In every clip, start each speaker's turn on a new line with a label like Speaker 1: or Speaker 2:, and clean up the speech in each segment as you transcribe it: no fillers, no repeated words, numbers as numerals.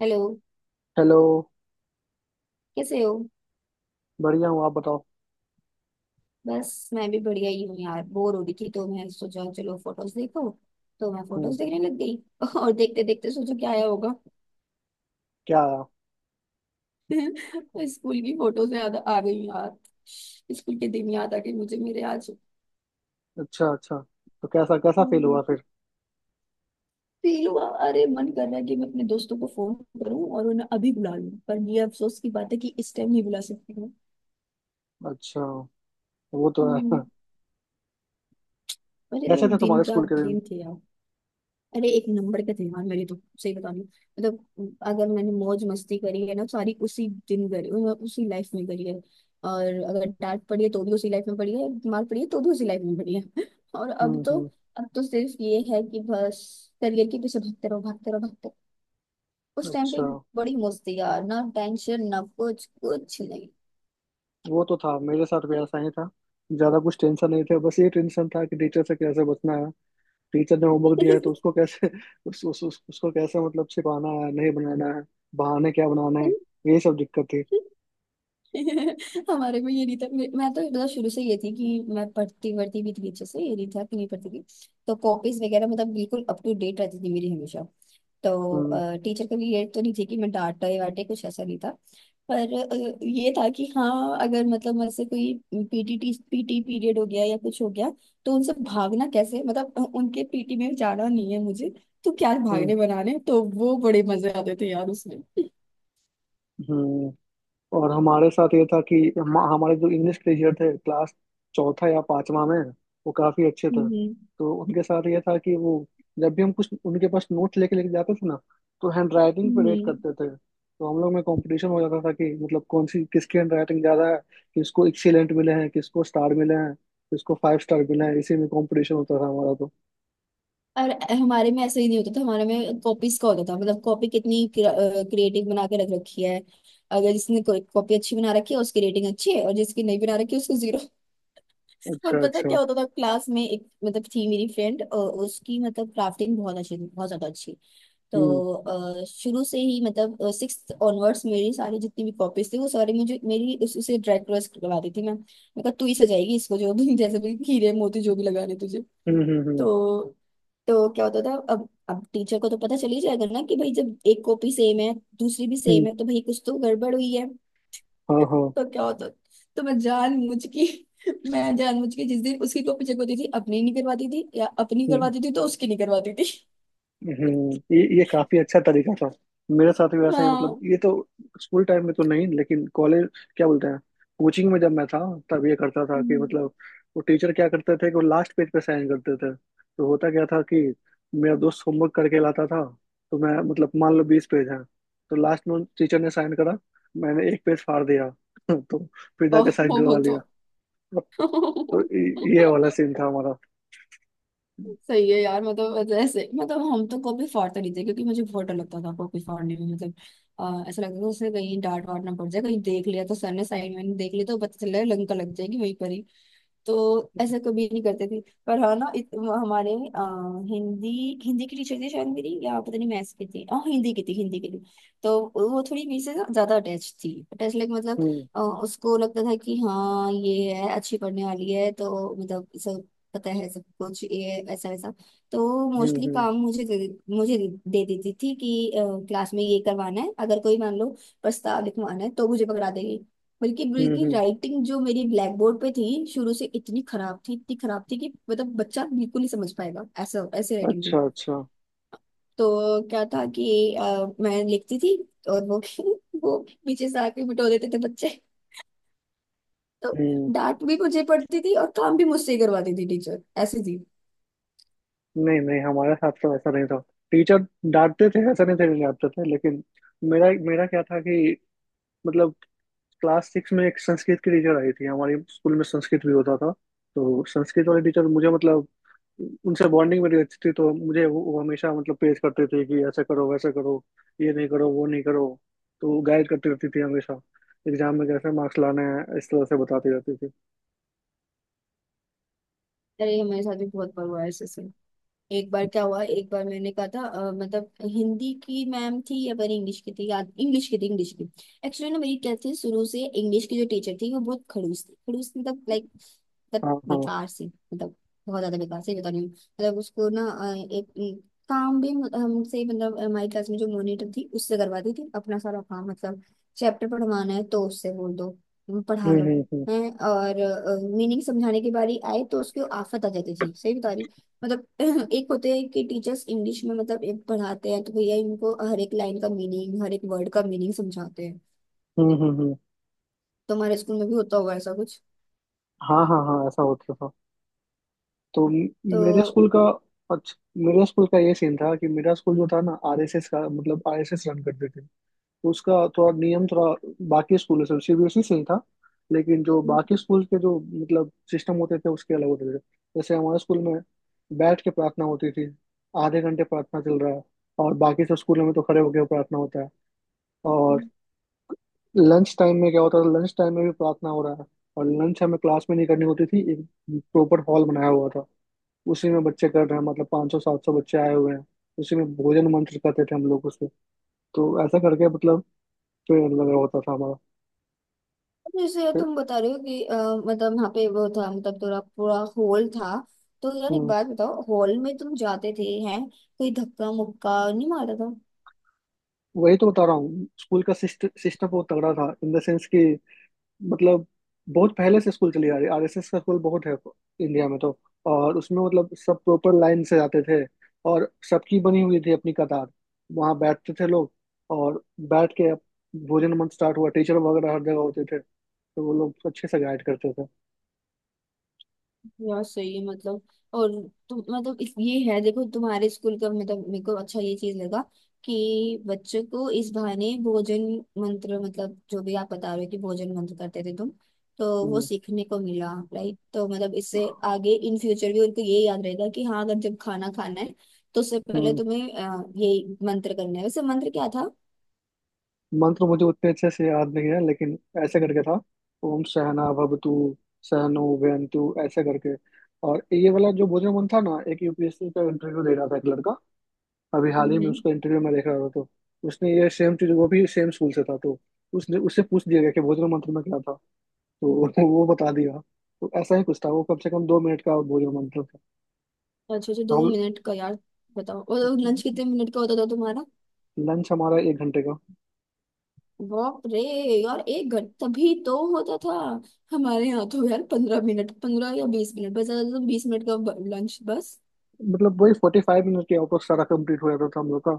Speaker 1: Hello.
Speaker 2: Hello.
Speaker 1: कैसे हो?
Speaker 2: बढ़िया हूँ, आप बताओ।
Speaker 1: बस मैं भी बढ़िया ही हूँ यार। बोर हो रही थी तो मैं सोचा चलो फोटोज देखो। तो मैं
Speaker 2: हम्म
Speaker 1: फोटोज देखने लग गई। और देखते देखते सोचो क्या आया होगा।
Speaker 2: क्या आया?
Speaker 1: स्कूल की फोटोज याद आ गई यार। स्कूल के दिन याद आ गए मुझे मेरे आज।
Speaker 2: अच्छा अच्छा। तो कैसा कैसा फेल हुआ
Speaker 1: हम्म।
Speaker 2: फिर?
Speaker 1: फील हुआ। अरे मन कर रहा है कि मैं अपने दोस्तों को फोन करूं और उन्हें अभी बुला लूं, पर ये अफसोस की बात है कि इस टाइम नहीं बुला सकती हूँ।
Speaker 2: अच्छा, वो तो है।
Speaker 1: हम्म। अरे वो
Speaker 2: कैसे थे
Speaker 1: दिन
Speaker 2: तुम्हारे
Speaker 1: क्या
Speaker 2: स्कूल के दिन?
Speaker 1: दिन थे यार। अरे एक नंबर के थे यार मेरे तो, सही बता रही हूँ। मतलब अगर मैंने मौज मस्ती करी है ना सारी उसी दिन करी, उसी लाइफ में करी है। और अगर डांट पड़ी है तो भी उसी लाइफ में पड़ी है, मार पड़ी है तो भी उसी लाइफ में पड़ी है। और अब तो,
Speaker 2: हम्म।
Speaker 1: अब तो सिर्फ ये है कि बस करियर के पीछे भागते रहो, भागते रहो, भागते रहो। उस टाइम पे
Speaker 2: अच्छा,
Speaker 1: बड़ी मौज थी यार, ना टेंशन ना कुछ, कुछ नहीं।
Speaker 2: वो तो था, मेरे साथ भी ऐसा ही था। ज्यादा कुछ टेंशन नहीं था, बस ये टेंशन था कि टीचर से कैसे बचना है। टीचर ने होमवर्क दिया है तो उसको कैसे उसको कैसे मतलब छिपाना है, नहीं बनाना है, बहाने क्या बनाना है। ये सब दिक्कत थी।
Speaker 1: हमारे में ये नहीं था। मैं तो मतलब शुरू से ये थी कि मैं पढ़ती पढ़ती भी थी अच्छे से, ये नहीं था कि नहीं पढ़ती थी। तो कॉपीज वगैरह मतलब बिल्कुल अप टू डेट रहती थी मेरी हमेशा। तो
Speaker 2: हम्म
Speaker 1: टीचर कभी ये तो नहीं थी कि मैं डांटे वाटे, कुछ ऐसा नहीं था। पर ये था कि हाँ, अगर मतलब मुझसे कोई पीटी पीटी पीरियड हो गया या कुछ हो गया, तो उनसे भागना कैसे, मतलब उनके पीटी में जाना नहीं है मुझे। तो क्या
Speaker 2: हम्म
Speaker 1: भागने बनाने, तो वो बड़े मजे आते थे यार उसमें।
Speaker 2: हम्म। और हमारे साथ ये था कि हमारे जो इंग्लिश टीचर थे क्लास चौथा या पांचवा में, वो काफी अच्छे थे।
Speaker 1: हम्म।
Speaker 2: तो उनके साथ ये था कि वो जब भी हम कुछ उनके पास नोट्स लेके लेके जाते थे ना, तो हैंड राइटिंग पे रेट
Speaker 1: हम्म।
Speaker 2: करते थे। तो हम लोग में कंपटीशन हो जाता था कि मतलब कौन सी किसकी हैंड राइटिंग ज्यादा है, किसको एक्सीलेंट मिले हैं, किसको स्टार मिले हैं, किसको फाइव स्टार मिले हैं। इसी में कंपटीशन होता था हमारा। तो
Speaker 1: और हमारे में ऐसा ही नहीं होता था, हमारे में कॉपीज का होता था। मतलब कॉपी कितनी क्रिएटिव बना के रख रखी है। अगर जिसने कॉपी अच्छी बना रखी है उसकी रेटिंग अच्छी है, और जिसकी नहीं बना रखी है उसको जीरो। और
Speaker 2: अच्छा
Speaker 1: पता
Speaker 2: अच्छा।
Speaker 1: क्या होता था क्लास में, एक मतलब थी मेरी फ्रेंड, उसकी मतलब क्राफ्टिंग बहुत अच्छी थी, बहुत ज्यादा अच्छी। तो
Speaker 2: हम्म
Speaker 1: शुरू से ही मतलब सिक्स ऑनवर्ड्स मेरी सारी जितनी भी कॉपीज थी वो सारी मुझे, मेरी उसे ड्राई क्रॉस करवा दी थी। मैं कहा तू ही सजाएगी इसको, जो भी जैसे भी हीरे मोती जो भी लगाने तुझे।
Speaker 2: हम्म हम्म हम्म
Speaker 1: तो तो क्या होता था, अब टीचर को तो पता चल ही जाएगा ना कि भाई जब एक कॉपी सेम है, दूसरी भी
Speaker 2: हम्म,
Speaker 1: सेम है तो भाई कुछ तो गड़बड़ हुई है।
Speaker 2: हाँ हाँ।
Speaker 1: तो क्या होता, तो मैं जानबूझ के, मैं जानबूझ के जिस दिन उसकी कॉपी चेक होती थी अपनी नहीं करवाती थी, या अपनी करवाती थी तो उसकी नहीं करवाती थी।
Speaker 2: ये काफी अच्छा तरीका था। मेरे साथ भी वैसा ही, मतलब
Speaker 1: हाँ।
Speaker 2: ये तो स्कूल टाइम में तो नहीं, लेकिन कॉलेज, क्या बोलते हैं, कोचिंग में जब मैं था तब ये करता था कि
Speaker 1: हम्म।
Speaker 2: मतलब वो टीचर क्या करते थे कि वो लास्ट पेज पे साइन करते थे। तो होता क्या था कि मेरा दोस्त होमवर्क करके लाता था। तो मैं मतलब मान लो 20 पेज है तो लास्ट में टीचर ने साइन करा, मैंने एक पेज फाड़ दिया तो फिर जाके
Speaker 1: ओह,
Speaker 2: साइन
Speaker 1: वो
Speaker 2: करवा
Speaker 1: तो।
Speaker 2: लिया। तो ये वाला सीन था हमारा।
Speaker 1: सही है यार। मतलब ऐसे, मतलब हम तो कॉपी फाड़ते नहीं थे क्योंकि मुझे बहुत डर लगता था कॉपी फाड़ने में। मतलब ऐसा लगता था उसे, कहीं डांट वाट ना पड़ जाए, कहीं देख लिया तो सर ने साइड में देख लिया तो पता चल रहा है लंका लग जाएगी वहीं पर ही। तो ऐसा कभी नहीं करते थे। पर हाँ ना हमारे आ, हिंदी हिंदी की टीचर थी शायद मेरी, या पता नहीं मैथ्स की थी, हाँ हिंदी की थी, हिंदी की थी। तो वो थोड़ी मेरे से ना ज्यादा अटैच थी, अटैच लाइक मतलब
Speaker 2: हम्म
Speaker 1: उसको लगता था कि हाँ ये है अच्छी पढ़ने वाली है, तो मतलब सब पता है सब कुछ ये ऐसा वैसा। तो
Speaker 2: हम्म
Speaker 1: मोस्टली
Speaker 2: हम्म
Speaker 1: काम मुझे दे देती थी कि क्लास में ये करवाना है, अगर कोई मान लो प्रस्ताव लिखवाना है तो मुझे पकड़ा देगी। बल्कि
Speaker 2: हम्म
Speaker 1: बल्कि
Speaker 2: हम्म,
Speaker 1: राइटिंग जो मेरी ब्लैक बोर्ड पे थी शुरू से इतनी खराब थी, इतनी खराब थी कि मतलब बच्चा बिल्कुल नहीं समझ पाएगा, ऐसा ऐसी राइटिंग
Speaker 2: अच्छा
Speaker 1: थी।
Speaker 2: अच्छा।
Speaker 1: तो क्या था कि मैं लिखती थी और वो वो पीछे से आके बिठो देते थे बच्चे। तो
Speaker 2: हम्म।
Speaker 1: डांट भी मुझे पड़ती थी और काम भी मुझसे ही करवाती थी, टीचर ऐसी थी।
Speaker 2: नहीं नहीं, हमारे साथ तो ऐसा नहीं था। टीचर डांटते थे, ऐसा नहीं थे कि डांटते थे, लेकिन मेरा मेरा क्या था कि मतलब क्लास सिक्स में एक संस्कृत की टीचर आई थी। हमारे स्कूल में संस्कृत भी होता था। तो संस्कृत वाले टीचर मुझे मतलब उनसे बॉन्डिंग मेरी अच्छी थी। तो मुझे वो हमेशा मतलब पेश करते थे कि ऐसा करो वैसा करो, ये नहीं करो वो नहीं करो। तो गाइड करती रहती थी हमेशा। एग्जाम में कैसे मार्क्स लाने हैं इस तरह से बताती रहती थी।
Speaker 1: अरे हमारे साथ भी बहुत बार हुआ है ऐसे ऐसे। एक बार क्या हुआ, एक बार मैंने कहा था मतलब हिंदी की मैम थी या पता इंग्लिश की थी, याद इंग्लिश की थी, इंग्लिश की। एक्चुअली ना मेरी क्या थी, शुरू से इंग्लिश की जो टीचर थी वो बहुत खड़ूस थी, खड़ूस मतलब लाइक मतलब
Speaker 2: हाँ हाँ।
Speaker 1: बेकार सी, मतलब बहुत ज्यादा बेकार सी बता रही हूँ। मतलब उसको ना एक एक काम भी हमसे, मतलब हमारी क्लास में जो मॉनिटर थी उससे करवाती थी अपना सारा काम। मतलब चैप्टर पढ़वाना है तो उससे बोल दो पढ़ा
Speaker 2: हम्म
Speaker 1: लो।
Speaker 2: हम्म हम्म
Speaker 1: हैं, और मीनिंग समझाने की बारी आए तो उसको आफत आ जाती थी, सही बता रही हूँ। मतलब एक होते हैं कि टीचर्स इंग्लिश में मतलब एक पढ़ाते हैं तो भैया इनको हर एक लाइन का मीनिंग, हर एक वर्ड का मीनिंग समझाते हैं।
Speaker 2: हम्म हम्म हम्म।
Speaker 1: तो हमारे स्कूल में भी होता होगा ऐसा कुछ
Speaker 2: हाँ हाँ हाँ, ऐसा होता था। तो म- मेरे
Speaker 1: तो।
Speaker 2: स्कूल का, अच्छा, मेरे स्कूल का ये सीन था कि मेरा स्कूल जो था ना आरएसएस का, मतलब आरएसएस रन करते थे। तो उसका थोड़ा नियम, थोड़ा बाकी स्कूलों से, सीबीएसई से ही था, लेकिन जो बाकी स्कूल के जो मतलब सिस्टम होते थे उसके अलग होते थे। जैसे हमारे स्कूल में बैठ के प्रार्थना होती थी, आधे घंटे प्रार्थना चल रहा है। और बाकी सब स्कूलों में तो खड़े होकर प्रार्थना होता है। और
Speaker 1: हम्म।
Speaker 2: लंच टाइम में क्या होता था, लंच टाइम में भी प्रार्थना हो रहा है। और लंच हमें क्लास में नहीं करनी होती थी, एक प्रॉपर हॉल बनाया हुआ था, उसी में बच्चे कर रहे हैं। मतलब 500 700 बच्चे आए हुए हैं उसी में। भोजन मंत्र करते थे हम लोग उसमें। तो ऐसा करके मतलब पेड़ लगा होता था हमारा।
Speaker 1: जैसे
Speaker 2: फिर-
Speaker 1: तुम बता रहे हो कि मतलब वहाँ पे वो था, मतलब थोड़ा पूरा हॉल था। तो यार एक
Speaker 2: हम्म,
Speaker 1: बात बताओ, हॉल में तुम जाते थे, हैं कोई धक्का मुक्का नहीं मारता था?
Speaker 2: वही तो बता रहा हूँ, स्कूल का सिस्टम बहुत तगड़ा था। इन द सेंस कि मतलब बहुत पहले से स्कूल चली आ रही, आरएसएस का स्कूल बहुत है इंडिया में। तो और उसमें मतलब सब प्रॉपर लाइन से जाते थे। और सबकी बनी हुई थी अपनी कतार, वहां बैठते थे लोग। और बैठ के भोजन मंत्र स्टार्ट हुआ, टीचर वगैरह हर जगह होते थे, तो वो लोग अच्छे से गाइड करते थे।
Speaker 1: यार सही है मतलब। और तुम मतलब इस ये है देखो, तुम्हारे स्कूल का मतलब मेरे को अच्छा ये चीज लगा कि बच्चों को इस बहाने भोजन मंत्र, मतलब जो भी आप बता रहे हो कि भोजन मंत्र करते थे तुम, तो वो
Speaker 2: हम्म।
Speaker 1: सीखने को मिला, राइट? तो मतलब इससे आगे इन फ्यूचर भी उनको ये याद रहेगा कि हाँ अगर जब खाना खाना है तो उससे पहले
Speaker 2: हम्म,
Speaker 1: तुम्हें ये मंत्र करना है। वैसे मंत्र क्या था?
Speaker 2: मंत्र मुझे उतने अच्छे से याद नहीं है, लेकिन ऐसे करके था, ओम सहना भवतु, सहनो वैनतु, ऐसे करके। और ये वाला जो भोजन मन था ना, एक यूपीएससी का इंटरव्यू दे रहा था एक लड़का अभी हाल ही में,
Speaker 1: हम्म।
Speaker 2: उसका इंटरव्यू में देख रहा था। तो उसने ये सेम चीज, वो भी सेम स्कूल से था। तो उसने, उससे पूछ दिया गया कि भोजन मंत्र में क्या था, तो वो बता दिया। तो ऐसा ही कुछ था। वो कम से कम 2 मिनट का भोजन मंत्र था।
Speaker 1: अच्छा अच्छा,
Speaker 2: तो
Speaker 1: दो
Speaker 2: हम
Speaker 1: मिनट का यार! बताओ, और लंच कितने मिनट का होता था तुम्हारा?
Speaker 2: लंच हमारा 1 घंटे का।
Speaker 1: बाप रे! यार 1 घंटा, तभी तो होता था। हमारे यहाँ तो यार 15 मिनट, 15 या 20 मिनट बस, ज्यादा तो 20 मिनट का लंच बस।
Speaker 2: मतलब वही 45 मिनट के आउट ऑफ सारा कंप्लीट हो जाता था हम लोग का।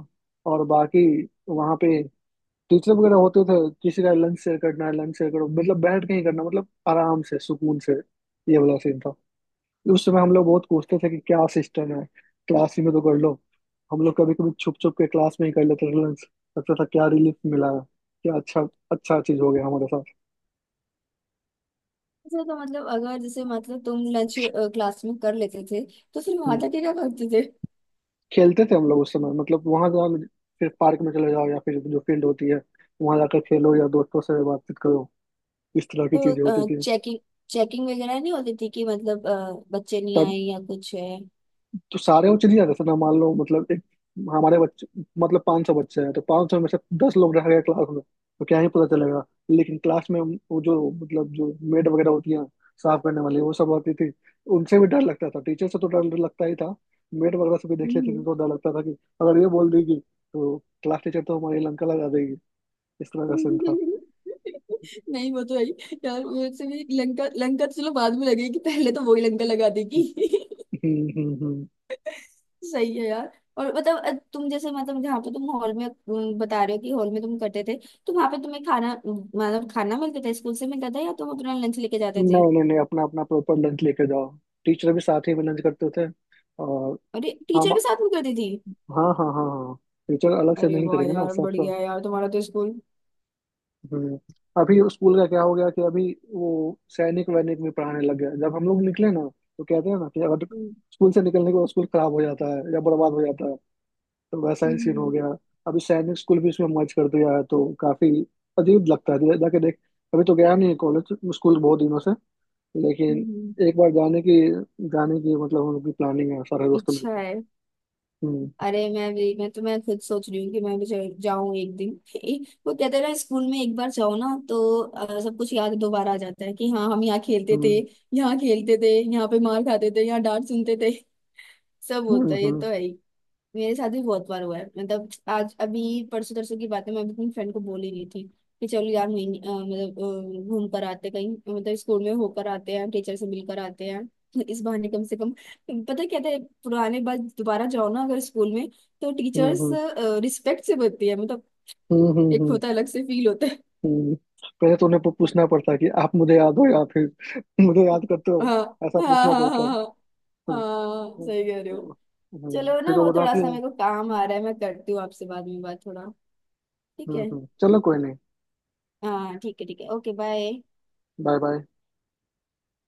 Speaker 2: और बाकी वहाँ पे टीचर वगैरह होते थे। किसी का लंच शेयर करना है, लंच शेयर करो, मतलब बैठ के ही करना, मतलब आराम से सुकून से। ये वाला सीन था। उस समय हम लोग बहुत पूछते थे कि क्या सिस्टम है, क्लास ही में तो कर लो। हम लोग कभी कभी छुप छुप के क्लास में ही कर लेते थे लंच। लगता था क्या रिलीफ मिला है, क्या अच्छा अच्छा चीज हो गया हमारे साथ।
Speaker 1: अच्छा, तो मतलब अगर जैसे मतलब तुम लंच क्लास में कर लेते थे तो फिर वहां
Speaker 2: हम्म।
Speaker 1: जाके क्या करते थे?
Speaker 2: खेलते थे हम लोग उस समय। मतलब वहां जाओ, फिर पार्क में चले जाओ, या फिर जो फील्ड होती है वहां जाकर खेलो, या दोस्तों से बातचीत करो। इस तरह की चीजें होती
Speaker 1: तो
Speaker 2: थी।
Speaker 1: चेकिंग, चेकिंग वगैरह नहीं होती थी कि मतलब बच्चे नहीं
Speaker 2: तब
Speaker 1: आए या कुछ है?
Speaker 2: तो सारे वो चले जाते थे ना। मान लो मतलब एक हमारे बच्चे, मतलब 500 बच्चे हैं, तो 500 में से 10 लोग रह गए क्लास में, तो क्या ही पता चलेगा। लेकिन क्लास में वो जो मतलब जो मेड वगैरह होती हैं, साफ करने वाली, वो सब आती थी। उनसे भी डर लगता था, टीचर से तो डर लगता ही था, मेड वगैरह से भी देख लेते
Speaker 1: हम्म।
Speaker 2: थे तो डर लगता था कि अगर ये बोल देगी तो क्लास टीचर तो हमारी लंका लगा देगी। इस तरह का सीन था।
Speaker 1: नहीं, वो तो है ही। यार वैसे भी, लंका लंका तो चलो बाद में लगेगी, पहले तो वही लंका लगा देगी।
Speaker 2: हम्म हम्म हम्म।
Speaker 1: सही है यार। और मतलब तुम जैसे मतलब जहाँ पे तुम हॉल में बता रहे हो कि हॉल में तुम करते थे, तो वहां पे तुम्हें खाना मतलब खाना मिलता था, स्कूल से मिलता था या तुम अपना लंच लेके जाते
Speaker 2: नहीं
Speaker 1: थे?
Speaker 2: नहीं नहीं, अपना अपना प्रॉपर लंच लेके जाओ। टीचर भी साथ ही में लंच करते थे। और
Speaker 1: अरे,
Speaker 2: हम,
Speaker 1: टीचर भी साथ में करती थी?
Speaker 2: हाँ हाँ हाँ हाँ, टीचर अलग से
Speaker 1: अरे
Speaker 2: नहीं
Speaker 1: वाह
Speaker 2: करेंगे ना,
Speaker 1: यार,
Speaker 2: सब सब।
Speaker 1: बढ़िया है यार तुम्हारा तो स्कूल।
Speaker 2: हम्म। अभी स्कूल का क्या हो गया कि अभी वो सैनिक वैनिक में पढ़ाने लग गया जब हम लोग निकले ना। तो कहते हैं ना कि अगर
Speaker 1: हम्म।
Speaker 2: स्कूल से निकलने के बाद स्कूल खराब हो जाता है या बर्बाद हो जाता है, तो वैसा ही सीन हो
Speaker 1: हम्म,
Speaker 2: गया। अभी सैनिक स्कूल भी इसमें मर्ज कर दिया है तो काफी अजीब लगता है जाके देख। अभी तो गया नहीं है कॉलेज स्कूल बहुत दिनों से, लेकिन
Speaker 1: हम्म।
Speaker 2: एक बार जाने की, मतलब हम लोग की प्लानिंग है सारे दोस्तों
Speaker 1: अच्छा
Speaker 2: मिलकर।
Speaker 1: है।
Speaker 2: हम्म
Speaker 1: अरे मैं भी, मैं खुद सोच रही हूँ कि मैं भी जाऊँ एक दिन। वो कहते हैं ना, स्कूल में एक बार जाओ ना तो सब कुछ याद दोबारा आ जाता है कि हाँ हम यहाँ खेलते थे,
Speaker 2: हम्म
Speaker 1: यहाँ खेलते थे, यहाँ पे मार खाते थे, यहाँ डांट सुनते थे। सब
Speaker 2: हम्म
Speaker 1: होता है, ये
Speaker 2: हम्म
Speaker 1: तो है ही। मेरे साथ भी बहुत बार हुआ है मतलब, आज अभी परसों तरसों की बात है, मैं अभी अपनी फ्रेंड को बोल ही रही थी कि चलो यार महीने मतलब घूम कर आते कहीं, मतलब स्कूल में होकर आते हैं, टीचर से मिलकर आते हैं। इस बहाने कम से कम पता क्या था, पुराने बात दोबारा जाओ ना अगर स्कूल में, तो
Speaker 2: हम्म
Speaker 1: टीचर्स
Speaker 2: हम्म
Speaker 1: रिस्पेक्ट से बोलती है, मतलब
Speaker 2: हम्म हम्म,
Speaker 1: एक
Speaker 2: हम्म,
Speaker 1: होता है अलग से फील होता है।
Speaker 2: हम्म, पहले तो उन्हें पूछना पड़ता है कि आप मुझे याद हो, या फिर मुझे याद करते हो।
Speaker 1: हाँ,
Speaker 2: ऐसा
Speaker 1: हाँ,
Speaker 2: पूछना
Speaker 1: हाँ,
Speaker 2: पड़ता है।
Speaker 1: हाँ। हाँ,
Speaker 2: हम्म,
Speaker 1: हाँ, सही कह रहे
Speaker 2: हम्म,
Speaker 1: हो। चलो ना,
Speaker 2: फिर
Speaker 1: वो
Speaker 2: वो
Speaker 1: थोड़ा
Speaker 2: बताती
Speaker 1: सा
Speaker 2: है।
Speaker 1: मेरे को काम आ रहा है, मैं करती हूँ आपसे बाद में बात, थोड़ा। ठीक है।
Speaker 2: चलो कोई नहीं।
Speaker 1: हाँ ठीक है, ठीक है, ओके बाय।
Speaker 2: Bye bye.